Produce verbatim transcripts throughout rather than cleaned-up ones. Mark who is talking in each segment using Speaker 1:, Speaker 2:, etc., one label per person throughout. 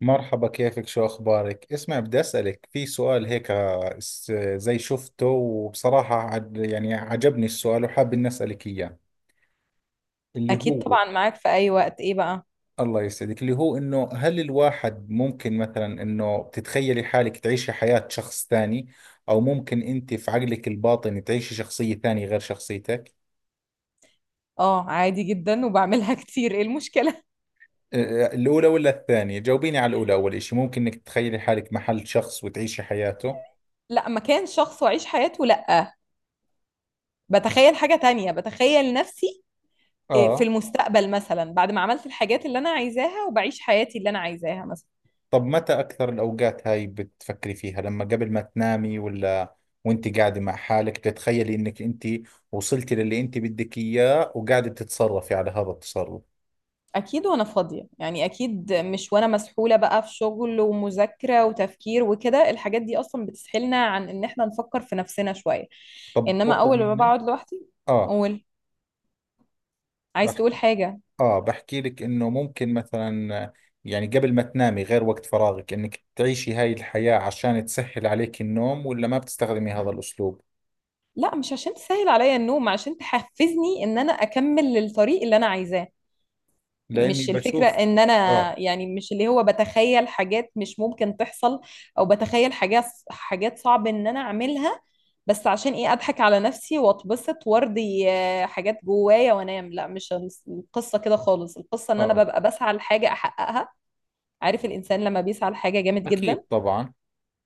Speaker 1: مرحبا، كيفك؟ شو أخبارك؟ اسمع، بدي أسألك في سؤال هيك. آه، س- زي شفته وبصراحة عد- يعني عجبني السؤال وحاب إني أسألك إياه اللي
Speaker 2: اكيد
Speaker 1: هو.
Speaker 2: طبعا، معاك في اي وقت. ايه بقى؟
Speaker 1: الله يسعدك، اللي هو إنه هل الواحد ممكن مثلا إنه تتخيلي حالك تعيشي حياة شخص ثاني؟ أو ممكن أنت في عقلك الباطني تعيشي شخصية ثانية غير شخصيتك؟
Speaker 2: اه، عادي جدا وبعملها كتير. ايه المشكله؟
Speaker 1: آه، الأولى ولا الثانية؟ جاوبيني على الأولى. أول إشي، ممكن إنك تتخيلي حالك محل شخص وتعيشي حياته؟
Speaker 2: لا، مكان شخص واعيش حياته؟ لا. بتخيل حاجه تانية، بتخيل نفسي. إيه، في
Speaker 1: آه.
Speaker 2: المستقبل مثلا بعد ما عملت الحاجات اللي انا عايزاها وبعيش حياتي اللي انا عايزاها مثلا.
Speaker 1: طب متى أكثر الأوقات هاي بتفكري فيها؟ لما قبل ما تنامي، ولا وانت قاعدة مع حالك تتخيلي انك انت وصلتي للي انت بدك اياه وقاعدة تتصرفي على هذا التصرف؟
Speaker 2: اكيد وانا فاضيه يعني، اكيد مش وانا مسحوله بقى في شغل ومذاكره وتفكير وكده. الحاجات دي اصلا بتسحلنا عن ان احنا نفكر في نفسنا شويه.
Speaker 1: طب
Speaker 2: انما
Speaker 1: باخذ
Speaker 2: اول ما
Speaker 1: مني.
Speaker 2: بقعد لوحدي.
Speaker 1: اه
Speaker 2: قول. عايز تقول
Speaker 1: بحكي.
Speaker 2: حاجه؟
Speaker 1: اه بحكي لك انه ممكن مثلا، يعني قبل ما تنامي غير وقت فراغك، انك تعيشي هاي الحياة عشان تسهل عليك النوم، ولا ما بتستخدمي هذا الأسلوب؟
Speaker 2: لا، مش عشان تسهل عليا النوم، عشان تحفزني ان انا اكمل الطريق اللي انا عايزاه.
Speaker 1: لأني
Speaker 2: مش الفكرة
Speaker 1: بشوف.
Speaker 2: ان انا.
Speaker 1: اه.
Speaker 2: يعني مش اللي هو بتخيل حاجات مش ممكن تحصل، او بتخيل حاجات حاجات صعب ان انا اعملها. بس عشان ايه؟ اضحك على نفسي واتبسط وارضي آه، حاجات جوايا وانام؟ لا، مش الس- القصة كده خالص. القصة ان انا
Speaker 1: اه
Speaker 2: ببقى بسعى لحاجة احققها. عارف الانسان لما بيسعى لحاجة جامد جدا؟
Speaker 1: أكيد طبعا.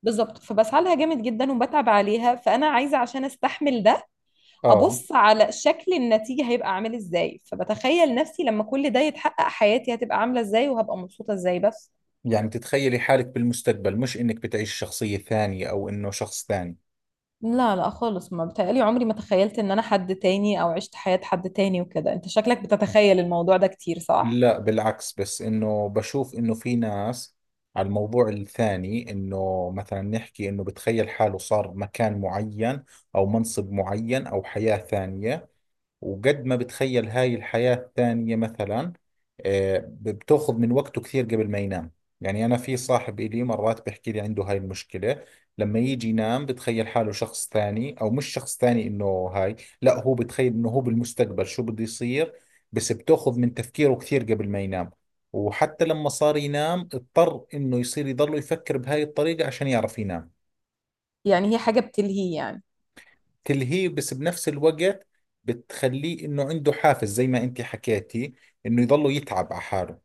Speaker 2: بالظبط، فبسعى لها جامد جدا وبتعب عليها، فانا عايزة عشان استحمل ده.
Speaker 1: اه
Speaker 2: ابص على شكل النتيجه هيبقى عامل ازاي، فبتخيل نفسي لما كل ده يتحقق حياتي هتبقى عامله ازاي وهبقى مبسوطه ازاي بس.
Speaker 1: يعني تتخيلي حالك بالمستقبل، مش انك بتعيش شخصية ثانية او انه شخص ثاني؟
Speaker 2: لا، لا خالص، ما بتهيألي. عمري ما تخيلت ان انا حد تاني او عشت حياة حد تاني وكده. انت شكلك بتتخيل الموضوع ده كتير، صح؟
Speaker 1: لا بالعكس، بس انه بشوف انه في ناس على الموضوع الثاني، انه مثلا نحكي انه بتخيل حاله صار مكان معين او منصب معين او حياة ثانية، وقد ما بتخيل هاي الحياة الثانية مثلا، آه، بتاخذ من وقته كثير قبل ما ينام. يعني أنا في صاحب إلي مرات بيحكي لي عنده هاي المشكلة. لما يجي ينام بتخيل حاله شخص ثاني، أو مش شخص ثاني إنه هاي، لا هو بتخيل إنه هو بالمستقبل شو بده يصير، بس بتاخذ من تفكيره كثير قبل ما ينام، وحتى لما صار ينام اضطر إنه يصير يضله يفكر بهاي الطريقة عشان يعرف ينام.
Speaker 2: يعني هي حاجة بتلهي يعني.
Speaker 1: تلهيه بس بنفس الوقت بتخليه انه عنده حافز، زي ما انت حكيتي، انه يضله يتعب على حاله.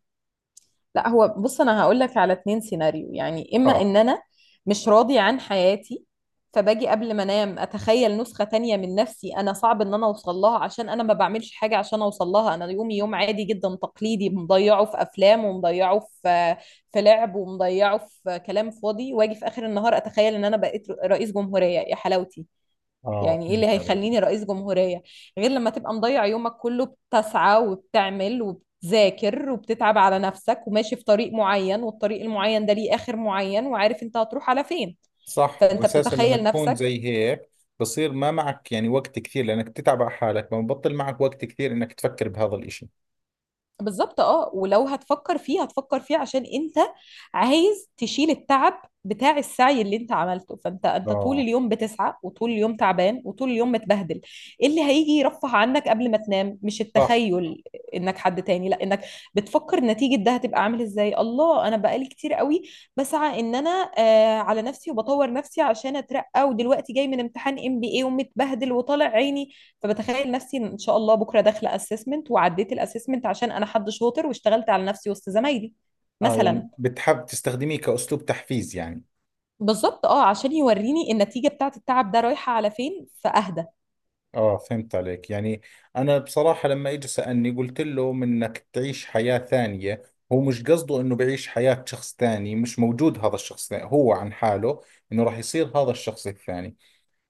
Speaker 2: لا، هو بص، انا هقول لك على اتنين سيناريو يعني، اما
Speaker 1: اه.
Speaker 2: ان انا مش راضي عن حياتي، فباجي قبل ما انام اتخيل نسخة تانية من نفسي انا صعب ان انا اوصل لها، عشان انا ما بعملش حاجة عشان اوصل لها. انا يومي يوم عادي جدا تقليدي، مضيعه في افلام ومضيعه في في لعب ومضيعه في كلام فاضي، واجي في اخر النهار اتخيل ان انا بقيت رئيس جمهورية يا حلاوتي.
Speaker 1: اه
Speaker 2: يعني ايه
Speaker 1: فهمت
Speaker 2: اللي
Speaker 1: عليك.
Speaker 2: هيخليني رئيس جمهورية؟ غير لما تبقى مضيع يومك كله بتسعى وبتعمل وبتذاكر وبتتعب على نفسك وماشي في طريق معين، والطريق المعين ده ليه آخر معين وعارف انت هتروح على فين.
Speaker 1: صح،
Speaker 2: فانت
Speaker 1: واساسا لما
Speaker 2: بتتخيل
Speaker 1: تكون
Speaker 2: نفسك.
Speaker 1: زي هيك بصير ما معك يعني وقت كثير، لانك بتتعب على حالك ما ببطل معك وقت كثير انك تفكر بهذا الاشي.
Speaker 2: بالظبط. اه، ولو هتفكر فيه، هتفكر فيه عشان انت عايز تشيل التعب بتاع السعي اللي انت عملته. فانت انت طول
Speaker 1: اه.
Speaker 2: اليوم بتسعى وطول اليوم تعبان وطول اليوم متبهدل. ايه اللي هيجي يرفه عنك قبل ما تنام؟ مش
Speaker 1: صح.
Speaker 2: التخيل انك حد تاني، لا، انك بتفكر نتيجة ده هتبقى عامل ازاي. الله، انا بقالي كتير قوي بسعى ان انا آه على نفسي وبطور نفسي عشان اترقى، ودلوقتي جاي من امتحان ام بي اي ومتبهدل وطالع عيني. فبتخيل نفسي ان شاء الله بكره داخله اسسمنت وعديت الاسسمنت عشان انا حد شاطر واشتغلت على نفسي وسط زمايلي
Speaker 1: اه
Speaker 2: مثلا.
Speaker 1: يعني بتحب تستخدميه كاسلوب تحفيز يعني.
Speaker 2: بالظبط. اه، عشان يوريني النتيجه بتاعت التعب ده رايحه على فين فاهدى.
Speaker 1: اه فهمت عليك يعني. انا بصراحة لما اجى سألني قلت له منك تعيش حياة ثانية، هو مش قصده انه بعيش حياة شخص ثاني مش موجود هذا الشخص ثاني. هو عن حاله انه راح يصير هذا الشخص الثاني.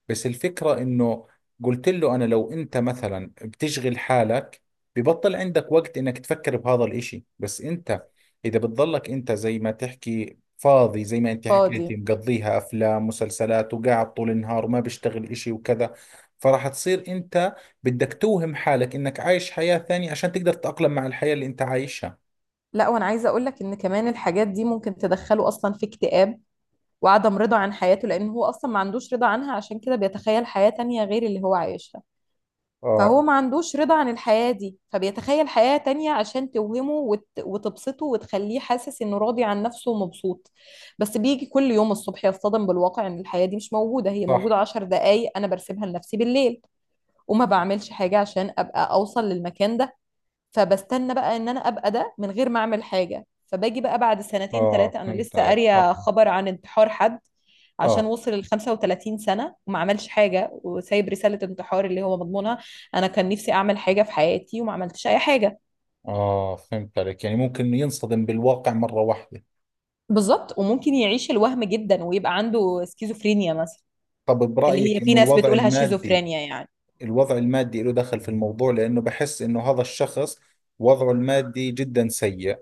Speaker 1: بس الفكرة انه قلت له، انا لو انت مثلا بتشغل حالك ببطل عندك وقت انك تفكر بهذا الاشي، بس انت اذا بتضلك انت زي ما تحكي فاضي، زي ما انت
Speaker 2: فاضي.
Speaker 1: حكيتي، مقضيها افلام مسلسلات وقاعد طول النهار وما بيشتغل اشي وكذا، فراح تصير انت بدك توهم حالك انك عايش حياة ثانية عشان تقدر تتأقلم مع الحياة اللي انت عايشها.
Speaker 2: لا، وانا عايزه اقول لك ان كمان الحاجات دي ممكن تدخله اصلا في اكتئاب وعدم رضا عن حياته، لان هو اصلا ما عندوش رضا عنها، عشان كده بيتخيل حياه تانية غير اللي هو عايشها.
Speaker 1: اه.
Speaker 2: فهو ما عندوش رضا عن الحياة دي، فبيتخيل حياة تانية عشان توهمه وت... وتبسطه وتخليه حاسس انه راضي عن نفسه ومبسوط. بس بيجي كل يوم الصبح يصطدم بالواقع ان الحياة دي مش موجودة. هي
Speaker 1: صح.
Speaker 2: موجودة عشر دقايق انا برسمها لنفسي بالليل. وما بعملش حاجة عشان ابقى اوصل للمكان ده. فبستنى بقى ان انا ابقى ده من غير ما اعمل حاجه. فباجي بقى بعد سنتين
Speaker 1: اه
Speaker 2: ثلاثه انا
Speaker 1: فهمت
Speaker 2: لسه
Speaker 1: عليك. صح.
Speaker 2: قاريه خبر عن انتحار حد عشان
Speaker 1: اه
Speaker 2: وصل ل خمسة وتلاتين سنه وما عملش حاجه، وسايب رساله انتحار اللي هو مضمونها: انا كان نفسي اعمل حاجه في حياتي وما عملتش اي حاجه.
Speaker 1: اه فهمت عليك، يعني ممكن إنه ينصدم بالواقع مرة واحدة.
Speaker 2: بالظبط، وممكن يعيش الوهم جدا ويبقى عنده سكيزوفرينيا مثلا.
Speaker 1: طب
Speaker 2: اللي هي
Speaker 1: برأيك
Speaker 2: في
Speaker 1: إنه
Speaker 2: ناس
Speaker 1: الوضع
Speaker 2: بتقولها
Speaker 1: المادي،
Speaker 2: شيزوفرينيا يعني.
Speaker 1: الوضع المادي له دخل في الموضوع؟ لأنه بحس إنه هذا الشخص وضعه المادي جدا سيء،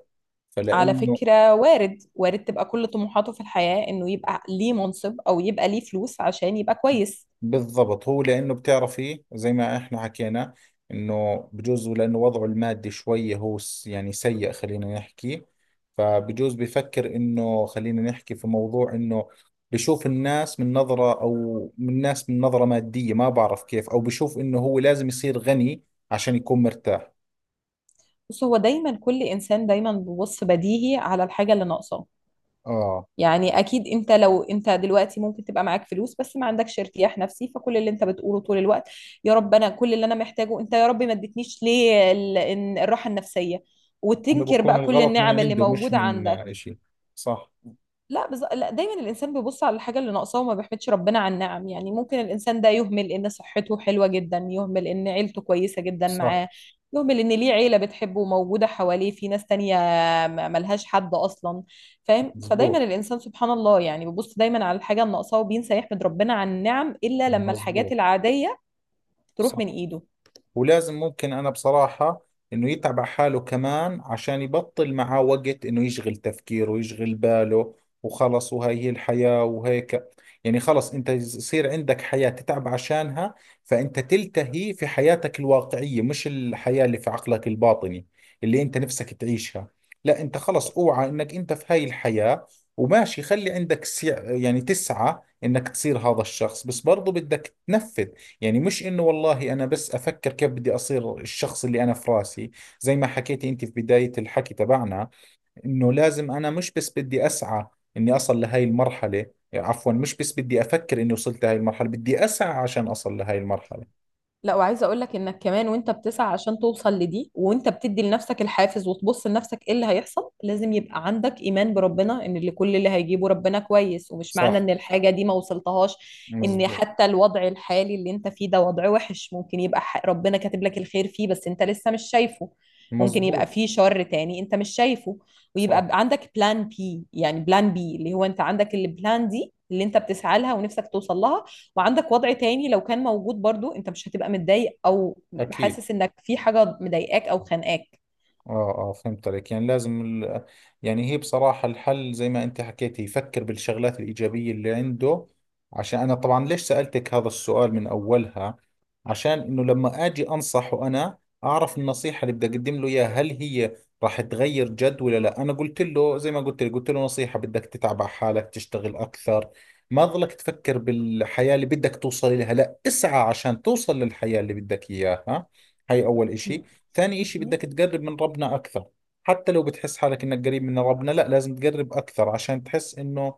Speaker 2: على
Speaker 1: فلأنه،
Speaker 2: فكرة، وارد وارد تبقى كل طموحاته في الحياة انه يبقى ليه منصب او يبقى ليه فلوس عشان يبقى كويس.
Speaker 1: بالضبط، هو لأنه بتعرفي زي ما إحنا حكينا إنه بجوز لأنه وضعه المادي شوية هو س- يعني سيء، خلينا نحكي، فبجوز بفكر إنه، خلينا نحكي في موضوع إنه بشوف الناس من نظرة، أو من الناس من نظرة مادية، ما بعرف كيف، أو بشوف إنه هو لازم يصير غني عشان يكون مرتاح.
Speaker 2: بص، هو دايما، كل انسان دايما بيبص بديهي على الحاجه اللي ناقصاه.
Speaker 1: آه.
Speaker 2: يعني اكيد انت، لو انت دلوقتي ممكن تبقى معاك فلوس بس ما عندكش ارتياح نفسي، فكل اللي انت بتقوله طول الوقت: يا رب، انا كل اللي انا محتاجه، انت يا رب ما اديتنيش ليه ال- إن- الراحه النفسيه.
Speaker 1: انه
Speaker 2: وتنكر
Speaker 1: بكون
Speaker 2: بقى كل
Speaker 1: الغلط من
Speaker 2: النعم اللي
Speaker 1: عنده مش
Speaker 2: موجوده
Speaker 1: من آه،
Speaker 2: عندك.
Speaker 1: اشي. صح.
Speaker 2: لا، بز... لا، دايما الانسان بيبص على الحاجه اللي ناقصاه وما بيحمدش ربنا على النعم. يعني ممكن الانسان ده يهمل ان صحته حلوه جدا، يهمل ان عيلته كويسه جدا
Speaker 1: صح.
Speaker 2: معاه، يهمل ان ليه عيله بتحبه وموجوده حواليه، في ناس تانية م- ملهاش حد اصلا. فاهم؟ فدايما
Speaker 1: مزبوط.
Speaker 2: الانسان، سبحان الله يعني، بيبص دايما على الحاجه اللي ناقصاه وبينسى يحمد ربنا على النعم الا لما الحاجات
Speaker 1: مزبوط.
Speaker 2: العاديه تروح
Speaker 1: صح.
Speaker 2: من ايده.
Speaker 1: ولازم، ممكن أنا بصراحة، إنه يتعب على حاله كمان عشان يبطل معاه وقت إنه يشغل تفكيره ويشغل باله، وخلص وهاي هي الحياة وهيك. يعني خلص أنت يصير عندك حياة تتعب عشانها، فأنت تلتهي في حياتك الواقعية مش الحياة اللي في عقلك الباطني اللي أنت نفسك تعيشها. لا أنت خلص أوعى إنك أنت في هاي الحياة، وماشي، خلي عندك سع... يعني تسعى إنك تصير هذا الشخص، بس برضو بدك تنفذ. يعني مش انه والله انا بس افكر كيف بدي اصير الشخص اللي انا في راسي، زي ما حكيتي انت في بداية الحكي تبعنا، انه لازم انا مش بس بدي اسعى اني اصل لهي المرحلة. عفوا، مش بس بدي افكر اني وصلت لهي المرحلة، بدي اسعى عشان اصل لهي المرحلة.
Speaker 2: لا، وعايزه اقول لك انك كمان وانت بتسعى عشان توصل لدي وانت بتدي لنفسك الحافز وتبص لنفسك ايه اللي هيحصل، لازم يبقى عندك ايمان بربنا ان اللي كل اللي هيجيبه ربنا كويس، ومش
Speaker 1: صح.
Speaker 2: معنى ان الحاجه دي ما وصلتهاش ان
Speaker 1: مزبوط.
Speaker 2: حتى الوضع الحالي اللي انت فيه ده وضع وحش. ممكن يبقى ح- ربنا كاتب لك الخير فيه بس انت لسه مش شايفه. ممكن يبقى
Speaker 1: مزبوط.
Speaker 2: فيه شر تاني انت مش شايفه. ويبقى
Speaker 1: صح.
Speaker 2: عندك بلان بي، يعني بلان بي اللي هو انت عندك البلان دي اللي انت بتسعى لها ونفسك توصل لها، وعندك وضع تاني لو كان موجود برضو، انت مش هتبقى متضايق او
Speaker 1: اكيد.
Speaker 2: حاسس انك في حاجة مضايقاك او خانقاك.
Speaker 1: اه اه فهمت عليك، يعني لازم ال... يعني هي بصراحة الحل زي ما انت حكيت، هي يفكر بالشغلات الإيجابية اللي عنده. عشان انا طبعا ليش سألتك هذا السؤال من اولها، عشان انه لما اجي انصحه انا اعرف النصيحة اللي بدي اقدم له اياها، هل هي راح تغير جد ولا لا. انا قلت له زي ما قلت لك، قلت له نصيحة، بدك تتعب على حالك، تشتغل اكثر، ما ظلك تفكر بالحياة اللي بدك توصل لها، لا اسعى عشان توصل للحياة اللي بدك اياها. هاي اول اشي. ثاني إشي، بدك
Speaker 2: مهم.
Speaker 1: تقرب من ربنا أكثر. حتى لو بتحس حالك إنك قريب من ربنا، لا لازم تقرب أكثر عشان تحس إنه،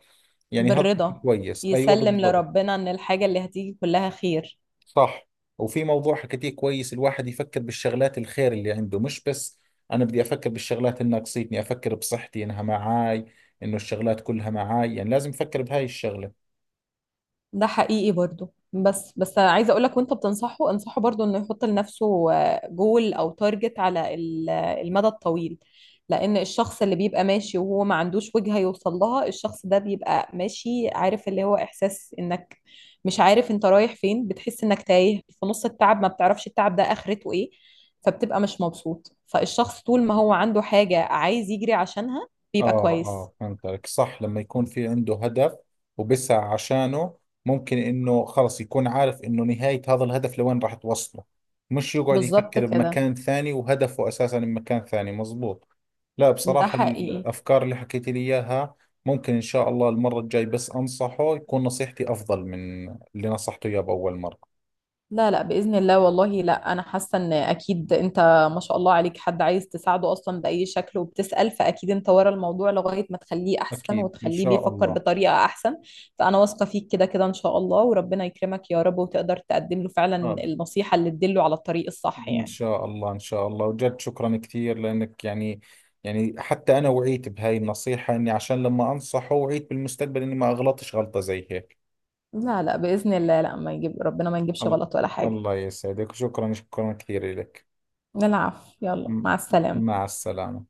Speaker 1: يعني هذا إشي
Speaker 2: بالرضا.
Speaker 1: كويس. أيوة
Speaker 2: يسلم
Speaker 1: بالضبط.
Speaker 2: لربنا ان الحاجة اللي هتيجي كلها خير.
Speaker 1: صح. وفي موضوع حكيتيه كويس، الواحد يفكر بالشغلات الخير اللي عنده، مش بس أنا بدي أفكر بالشغلات اللي ناقصتني. أفكر بصحتي إنها معاي، إنه الشغلات كلها معاي، يعني لازم أفكر بهاي الشغلة.
Speaker 2: ده حقيقي برضو، بس بس عايزه اقول لك وانت بتنصحه انصحه برضو انه يحط لنفسه جول او تارجت على ال- المدى الطويل. لان الشخص اللي بيبقى ماشي وهو ما عندوش وجهه يوصل لها، الشخص ده بيبقى ماشي عارف اللي هو احساس انك مش عارف انت رايح فين، بتحس انك تايه في نص التعب ما بتعرفش التعب ده اخرته ايه. فبتبقى مش مبسوط، فالشخص طول ما هو عنده حاجه عايز يجري عشانها
Speaker 1: آه
Speaker 2: بيبقى كويس.
Speaker 1: آه فهمت عليك. صح، لما يكون في عنده هدف وبسعى عشانه، ممكن إنه خلص يكون عارف إنه نهاية هذا الهدف لوين راح توصله، مش يقعد
Speaker 2: بالظبط
Speaker 1: يفكر
Speaker 2: كده.
Speaker 1: بمكان ثاني وهدفه أساسا بمكان ثاني. مزبوط. لا
Speaker 2: ده
Speaker 1: بصراحة
Speaker 2: حقيقي.
Speaker 1: الأفكار اللي حكيت لي إياها، ممكن إن شاء الله المرة الجاي بس أنصحه، يكون نصيحتي أفضل من اللي نصحته إياه بأول مرة.
Speaker 2: لا، لا بإذن الله، والله لا، أنا حاسة إن أكيد أنت ما شاء الله عليك حد عايز تساعده أصلا بأي شكل وبتسأل، فأكيد أنت ورا الموضوع لغاية ما تخليه أحسن
Speaker 1: أكيد إن
Speaker 2: وتخليه
Speaker 1: شاء
Speaker 2: بيفكر
Speaker 1: الله.
Speaker 2: بطريقة أحسن. فأنا واثقة فيك كده كده إن شاء الله. وربنا يكرمك يا رب، وتقدر تقدم له فعلا
Speaker 1: آه،
Speaker 2: النصيحة اللي تدله على الطريق الصح
Speaker 1: إن
Speaker 2: يعني.
Speaker 1: شاء الله. إن شاء الله وجد. شكرا كثير لأنك، يعني يعني حتى أنا وعيت بهاي النصيحة، إني عشان لما أنصحه وعيت بالمستقبل إني ما أغلطش غلطة زي هيك.
Speaker 2: لا، لا بإذن الله، لا، ما يجيب ربنا ما يجيبش
Speaker 1: ال-
Speaker 2: غلط ولا حاجة.
Speaker 1: الله يسعدك. شكرا، شكرا كثير لك.
Speaker 2: العفو، يلا
Speaker 1: م-
Speaker 2: مع السلامة.
Speaker 1: مع السلامة.